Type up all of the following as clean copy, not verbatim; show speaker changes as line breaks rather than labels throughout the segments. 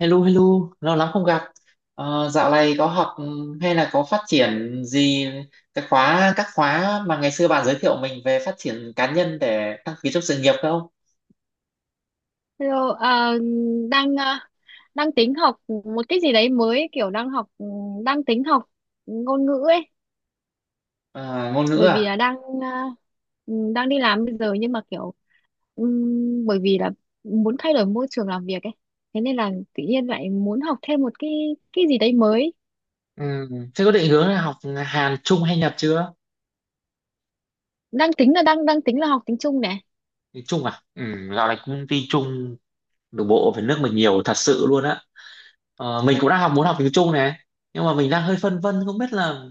Hello, hello, lâu lắm không gặp. Dạo này có học, hay là có phát triển gì cái khóa các khóa mà ngày xưa bạn giới thiệu mình về phát triển cá nhân để đăng ký trong sự nghiệp không?
Hello, đang ờ, đang tính học một cái gì đấy mới kiểu đang tính học ngôn ngữ ấy,
Ờ, ngôn ngữ
bởi vì
à?
là ờ, ừ, đang đi làm bây giờ, nhưng mà kiểu bởi vì là muốn thay đổi môi trường làm việc ấy, thế nên là tự nhiên lại muốn học thêm một cái gì đấy mới,
Ừ. Thế có định hướng là học Hàn, Trung hay Nhật chưa?
đang tính là học tiếng Trung này.
Thì Trung à? Ừ, dạo này công ty Trung nội bộ về nước mình nhiều thật sự luôn á. Mình cũng đang học muốn học tiếng Trung này, nhưng mà mình đang hơi phân vân không biết là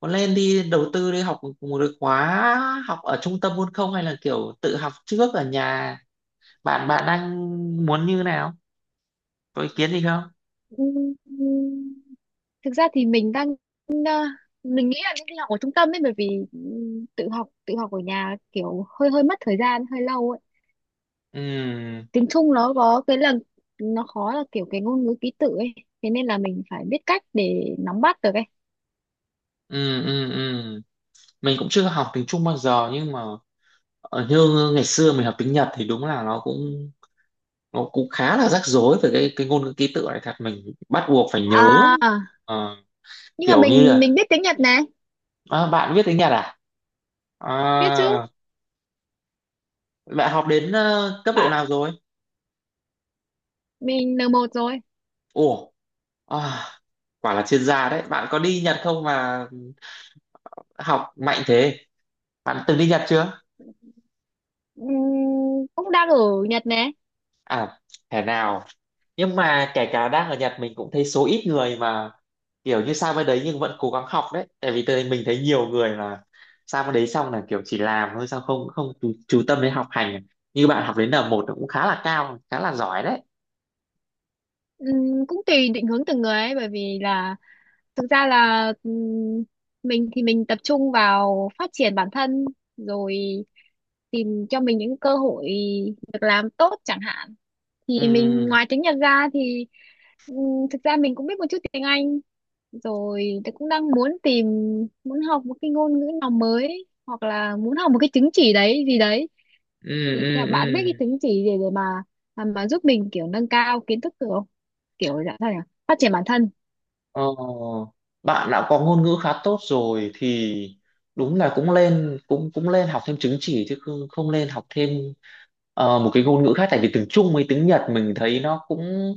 có lên đi đầu tư đi học một cái khóa học ở trung tâm luôn không, hay là kiểu tự học trước ở nhà. Bạn bạn đang muốn như nào, có ý kiến gì không?
Ừm, thực ra thì ờ, mình nghĩ là nên đi học ở trung tâm ấy, bởi vì tự học ở nhà kiểu hơi hơi mất thời gian, hơi lâu ấy.
Ừ,
Tiếng Trung nó có cái là nó khó, là kiểu cái ngôn ngữ ký tự ấy, thế nên là mình phải biết cách để nắm bắt được ấy.
ừ, ừ. Ừ, mình cũng chưa học tiếng Trung bao giờ, nhưng mà như ngày xưa mình học tiếng Nhật thì đúng là nó cũng khá là rắc rối về cái ngôn ngữ ký tự này, thật mình bắt buộc phải nhớ.
À,
Ờ,
nhưng mà
Kiểu như
mình
là,
mình biết tiếng Nhật này.
à, bạn biết tiếng Nhật à?
Biết
À,
chứ,
bạn học đến cấp độ
bạn,
nào rồi?
mình N1 rồi.
Ủa, à, quả là chuyên gia đấy. Bạn có đi Nhật không mà học mạnh thế? Bạn từng đi Nhật chưa?
Ừm, cũng đang ở Nhật này.
À, thế nào? Nhưng mà kể cả đang ở Nhật mình cũng thấy số ít người mà kiểu như sang bên đấy nhưng vẫn cố gắng học đấy. Tại vì mình thấy nhiều người là sang bên đấy xong là kiểu chỉ làm thôi, sao không không chú tâm đến học hành. Như bạn học đến N1 cũng khá là cao, khá là giỏi đấy.
Cũng tùy định hướng từng người ấy, bởi vì là thực ra là mình thì mình tập trung vào phát triển bản thân, rồi tìm cho mình những cơ hội việc làm tốt chẳng hạn, thì mình
Ừ,
ngoài tiếng Nhật ra thì. Ừ, thực ra mình cũng biết một chút tiếng Anh, rồi tôi cũng đang muốn học một cái ngôn ngữ nào mới, hoặc là muốn học một cái chứng chỉ đấy gì đấy,
ừ,
thì theo
ừ,
bạn biết
ừ.
cái chứng chỉ gì để mà giúp mình kiểu nâng cao kiến thức được không, kiểu dạng sao nhỉ, phát triển bản thân.
Ờ, Bạn đã có ngôn ngữ khá tốt rồi thì đúng là cũng lên cũng cũng lên học thêm chứng chỉ, chứ không lên học thêm một cái ngôn ngữ khác. Tại vì tiếng Trung với tiếng Nhật mình thấy nó cũng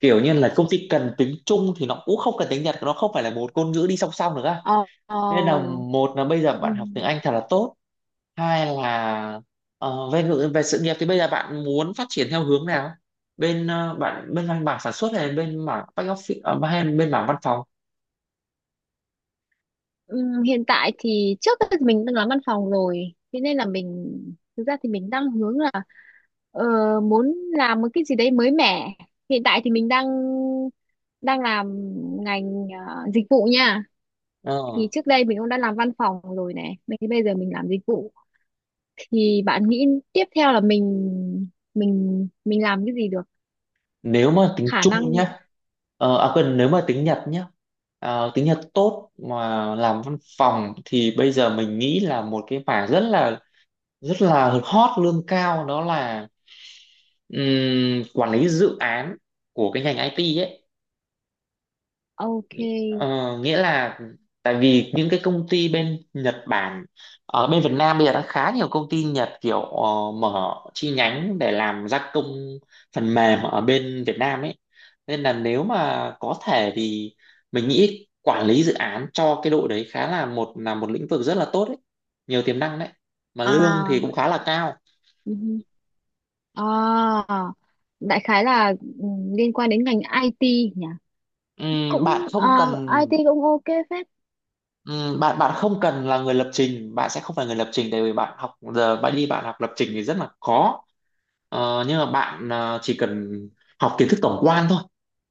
kiểu như là công ty cần tiếng Trung thì nó cũng không cần tiếng Nhật, nó không phải là một ngôn ngữ đi song song được á.
Ờ, ờ,
Nên là một là bây giờ
ừ.
bạn học tiếng Anh thật là tốt, hai là về sự nghiệp thì bây giờ bạn muốn phát triển theo hướng nào, bạn bên mảng sản xuất hay bên mảng back office, hay bên mảng văn phòng?
Hiện tại thì trước đây thì mình đang làm văn phòng rồi, thế nên là mình thực ra thì mình đang hướng là ờ, muốn làm một cái gì đấy mới mẻ. Hiện tại thì mình đang đang làm ngành dịch vụ nha.
Ờ,
Thì trước đây mình cũng đã làm văn phòng rồi này, bây bây giờ mình làm dịch vụ, thì bạn nghĩ tiếp theo là mình làm cái gì được,
Nếu mà tính
khả
chung
năng.
nhá, à quên, nếu mà tính Nhật nhá, tính Nhật tốt mà làm văn phòng thì bây giờ mình nghĩ là một cái mảng rất là hot, lương cao, đó là quản lý dự án của cái ngành IT ấy.
Ok.
Ờ, nghĩa là tại vì những cái công ty bên Nhật Bản ở bên Việt Nam bây giờ đã khá nhiều công ty Nhật kiểu mở chi nhánh để làm gia công phần mềm ở bên Việt Nam ấy, nên là nếu mà có thể thì mình nghĩ quản lý dự án cho cái đội đấy khá là một lĩnh vực rất là tốt đấy, nhiều tiềm năng đấy, mà lương thì
à
cũng khá là cao.
À, đại khái là ừ, liên quan đến ngành IT nhỉ?
Ừm,
Cũng
bạn
à,
không cần
IT cũng ok phết.
bạn không cần là người lập trình, bạn sẽ không phải người lập trình, tại vì bạn học giờ bạn đi bạn học lập trình thì rất là khó. Nhưng mà bạn chỉ cần học kiến thức tổng quan thôi,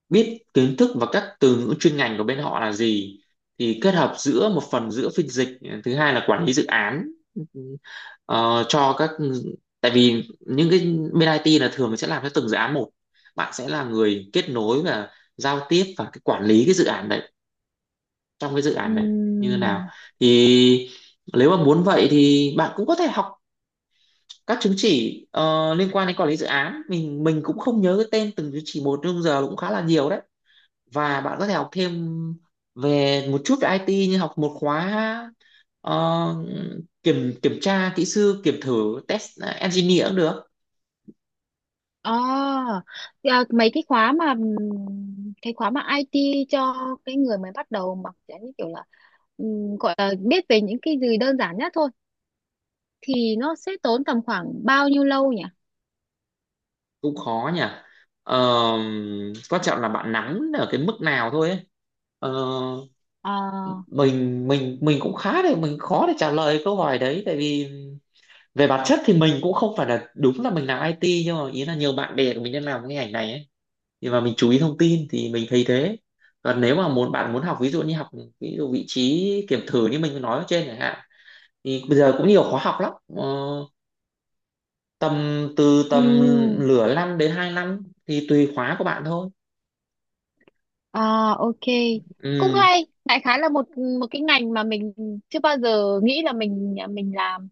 biết kiến thức và các từ ngữ chuyên ngành của bên họ là gì, thì kết hợp giữa một phần giữa phiên dịch, thứ hai là quản lý dự án. Ờ, cho các tại vì những cái bên IT là thường sẽ làm cho từng dự án một, bạn sẽ là người kết nối và giao tiếp và cái quản lý cái dự án đấy, trong cái dự án đấy như thế nào,
Ừm.
thì nếu mà muốn vậy thì bạn cũng có thể học các chứng chỉ liên quan đến quản lý dự án. Mình cũng không nhớ cái tên từng chứng chỉ một, nhưng giờ cũng khá là nhiều đấy. Và bạn có thể học thêm về một chút về IT, như học một khóa, ờ, kiểm kiểm tra kỹ sư kiểm thử, test engineer cũng được.
À, thì, à, mấy cái khóa mà IT cho cái người mới bắt đầu mà kiểu như kiểu là gọi là biết về những cái gì đơn giản nhất thôi, thì nó sẽ tốn tầm khoảng bao nhiêu lâu nhỉ?
Cũng khó nhỉ. Ờ, Quan trọng là bạn nắm ở cái mức nào thôi ấy. Ờ,
À,
mình cũng khá để mình khó để trả lời câu hỏi đấy, tại vì về bản chất thì mình cũng không phải là, đúng là mình làm IT, nhưng mà ý là nhiều bạn bè của mình đang làm cái ngành này ấy, thì mà mình chú ý thông tin thì mình thấy thế. Còn nếu mà bạn muốn học, ví dụ như học, ví dụ vị trí kiểm thử như mình nói ở trên chẳng hạn, thì bây giờ cũng nhiều khóa học lắm, tầm từ nửa năm đến 2 năm, thì tùy khóa của bạn thôi.
À, ok, cũng
Ừ.
hay. Đại khái là một một cái ngành mà mình chưa bao giờ nghĩ là mình mình làm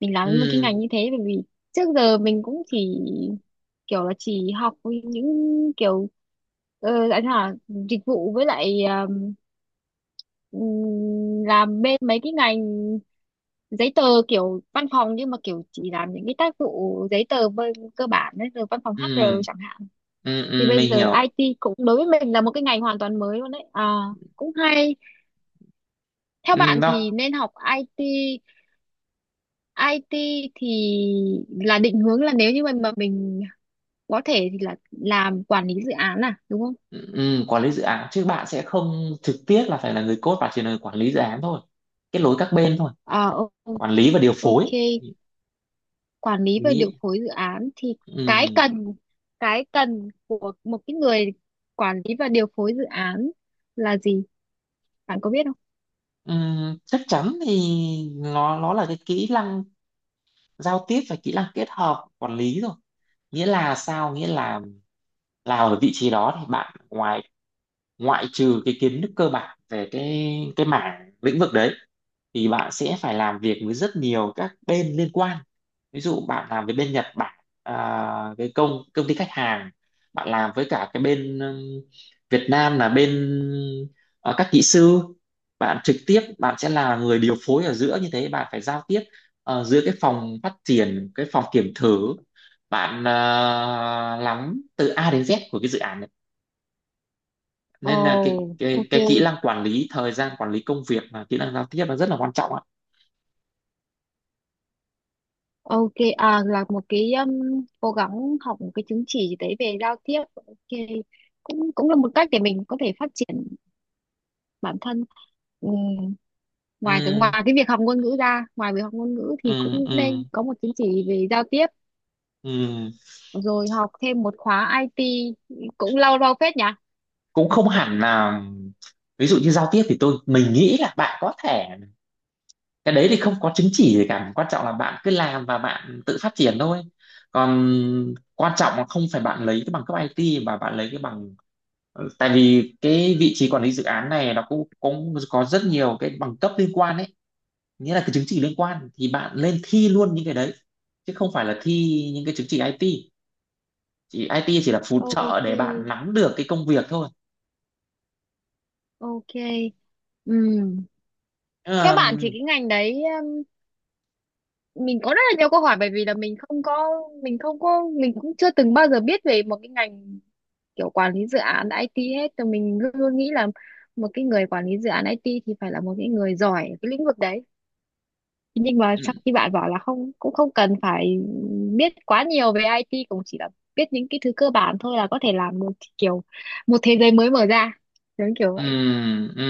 mình làm một cái
Ừ,
ngành như thế, bởi vì trước giờ mình cũng chỉ kiểu là chỉ học những kiểu anh hả dịch vụ, với lại làm bên mấy cái ngành giấy tờ kiểu văn phòng, nhưng mà kiểu chỉ làm những cái tác vụ giấy tờ bên cơ bản đấy, rồi văn phòng HR
ừ,
chẳng hạn.
ừ,
Thì
ừ
bây
mình
giờ
hiểu.
IT cũng đối với mình là một cái ngành hoàn toàn mới luôn đấy à, cũng hay. Theo
Ừ,
bạn thì
nó,
nên học IT, IT thì là định hướng, là nếu như mà mình có thể thì là làm quản lý dự án à, đúng không?
ừ, quản lý dự án chứ bạn sẽ không trực tiếp là phải là người code, bạn chỉ là người quản lý dự án thôi, kết nối các bên thôi.
Ờ, ô-
Quản lý và điều phối.
ok. Quản lý
Mình
và điều
nghĩ,
phối dự án thì cái
ừ,
cần cái cần của một cái người quản lý và điều phối dự án là gì, bạn có biết không?
ừ, chắc chắn thì nó là cái kỹ năng giao tiếp và kỹ năng kết hợp quản lý rồi. Nghĩa là sao, nghĩa là ở vị trí đó thì bạn ngoại trừ cái kiến thức cơ bản về cái mảng lĩnh vực đấy, thì bạn sẽ phải làm việc với rất nhiều các bên liên quan. Ví dụ bạn làm với bên Nhật Bản, à, cái công công ty khách hàng, bạn làm với cả cái bên, Việt Nam là bên, ờ, các kỹ sư, bạn trực tiếp bạn sẽ là người điều phối ở giữa. Như thế bạn phải giao tiếp giữa cái phòng phát triển, cái phòng kiểm thử, bạn lắm từ A đến Z của cái dự án này. Nên là
Ồ, ok.
cái kỹ năng quản lý thời gian, quản lý công việc và kỹ năng giao tiếp là rất là quan trọng ạ.
Ok, à, là một cái, cố gắng học một cái chứng chỉ gì đấy về giao tiếp. Ok, cũng cũng là một cách để mình có thể phát triển bản thân. Ừm, ngoài cái
Ừm,
ngoài cái việc học ngôn ngữ ra, ngoài việc học ngôn ngữ thì
ừ,
cũng
ừ,
nên có một chứng chỉ về giao tiếp,
ừ.
rồi học thêm một khóa IT, cũng lâu lâu phết nhỉ?
Cũng không hẳn là, ví dụ như giao tiếp thì mình nghĩ là bạn có thể, cái đấy thì không có chứng chỉ gì cả, quan trọng là bạn cứ làm và bạn tự phát triển thôi. Còn quan trọng là không phải bạn lấy cái bằng cấp IT mà bạn lấy cái bằng, ừ, tại vì cái vị trí quản lý dự án này nó cũng cũng có rất nhiều cái bằng cấp liên quan ấy. Nghĩa là cái chứng chỉ liên quan thì bạn lên thi luôn những cái đấy, chứ không phải là thi những cái chứng chỉ IT. Chỉ IT là phụ trợ
Ok,
để bạn nắm được cái công việc thôi.
ok. Ừm. Theo bạn thì
Ờm,
cái ngành đấy, mình có rất là nhiều câu hỏi, bởi vì là mình không có mình không có mình cũng chưa từng bao giờ biết về một cái ngành kiểu quản lý dự án IT hết, thì mình luôn nghĩ là một cái người quản lý dự án IT thì phải là một cái người giỏi ở cái lĩnh vực đấy, nhưng mà sau
ừm.
khi bạn bảo là không cũng không cần phải biết quá nhiều về IT, cũng chỉ là biết những cái thứ cơ bản thôi là có thể làm được, kiểu một thế giới mới mở ra giống kiểu
Ừ,
vậy.
ừ.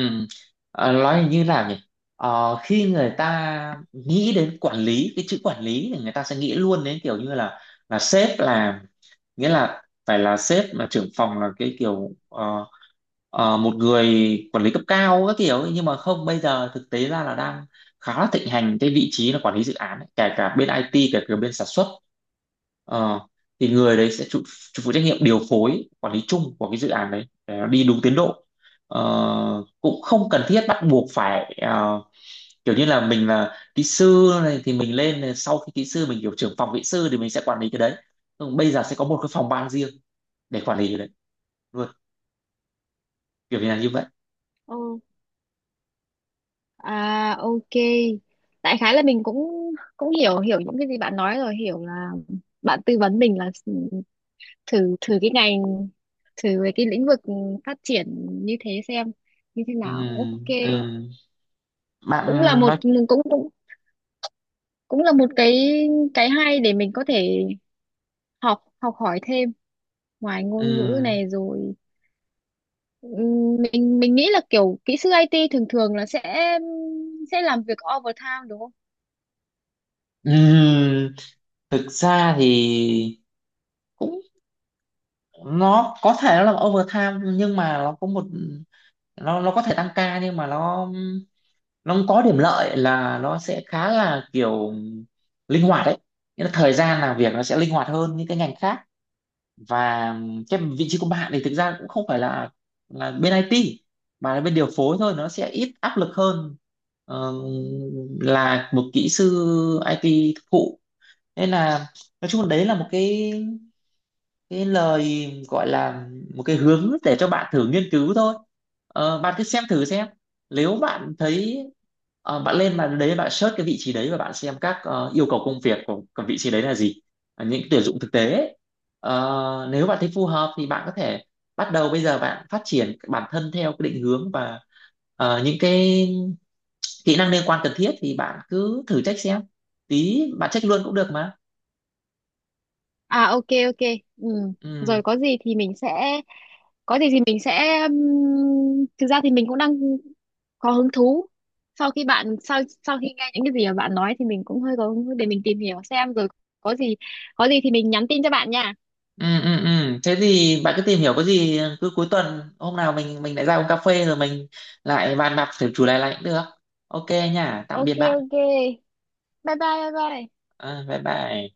Nói như nào nhỉ? Khi người ta nghĩ đến quản lý, cái chữ quản lý, thì người ta sẽ nghĩ luôn đến kiểu như là sếp, là, nghĩa là phải là sếp, là trưởng phòng, là cái kiểu, một người quản lý cấp cao các kiểu ấy. Nhưng mà không, bây giờ thực tế ra là đang khá là thịnh hành cái vị trí là quản lý dự án ấy. Kể cả bên IT, kể cả bên sản xuất. Ờ, thì người đấy sẽ chịu chịu phụ trách nhiệm điều phối quản lý chung của cái dự án đấy để nó đi đúng tiến độ. Ờ, cũng không cần thiết bắt buộc phải, kiểu như là mình là kỹ sư này thì mình lên này, sau khi kỹ sư mình kiểu trưởng phòng kỹ sư thì mình sẽ quản lý cái đấy. Nhưng bây giờ sẽ có một cái phòng ban riêng để quản lý cái đấy luôn, kiểu như là như vậy.
Ồ, à, ok. Đại khái là mình cũng cũng hiểu hiểu những cái gì bạn nói rồi, hiểu là bạn tư vấn mình là thử thử cái ngành, thử về cái lĩnh vực phát triển như thế, xem như thế nào, ok.
Ừm, ừm. Bạn
cũng là một
nói,
cũng cũng cũng là một cái hay để mình có thể học học hỏi thêm ngoài ngôn ngữ
ừm,
này rồi. Mình nghĩ là kiểu kỹ sư IT thường thường là sẽ làm việc overtime đúng không?
ừm. Thực ra thì cũng, nó có thể nó là overtime, nhưng mà nó có thể tăng ca, nhưng mà nó không có điểm lợi là nó sẽ khá là kiểu linh hoạt đấy. Nghĩa là thời gian làm việc nó sẽ linh hoạt hơn những cái ngành khác. Và cái vị trí của bạn thì thực ra cũng không phải là bên IT, mà là bên điều phối thôi, nó sẽ ít áp lực hơn ờ, là một kỹ sư IT thực thụ. Nên là nói chung là đấy là một cái lời, gọi là một cái hướng để cho bạn thử nghiên cứu thôi. Bạn cứ xem thử xem, nếu bạn thấy, bạn search cái vị trí đấy và bạn xem các yêu cầu công việc của vị trí đấy là gì. Những tuyển dụng thực tế ấy. Nếu bạn thấy phù hợp thì bạn có thể bắt đầu bây giờ bạn phát triển bản thân theo cái định hướng và những cái kỹ năng liên quan cần thiết, thì bạn cứ thử check xem, tí bạn check luôn cũng được mà.
À, ok, ok. Ừ.
Ừ,
Rồi có gì thì mình sẽ thực ra thì mình cũng đang có hứng thú. Sau khi nghe những cái gì mà bạn nói thì mình cũng hơi có hứng thú để mình tìm hiểu xem, rồi có gì có gì thì mình nhắn tin cho bạn nha.
ừ, ừ. Ừ, thế thì bạn cứ tìm hiểu, có gì cứ cuối tuần hôm nào mình lại ra uống cà phê rồi mình lại bàn bạc thử chủ đề này cũng được. Ok nha, tạm biệt
Ok,
bạn.
ok. Bye bye, bye bye.
Ờ, bye bye.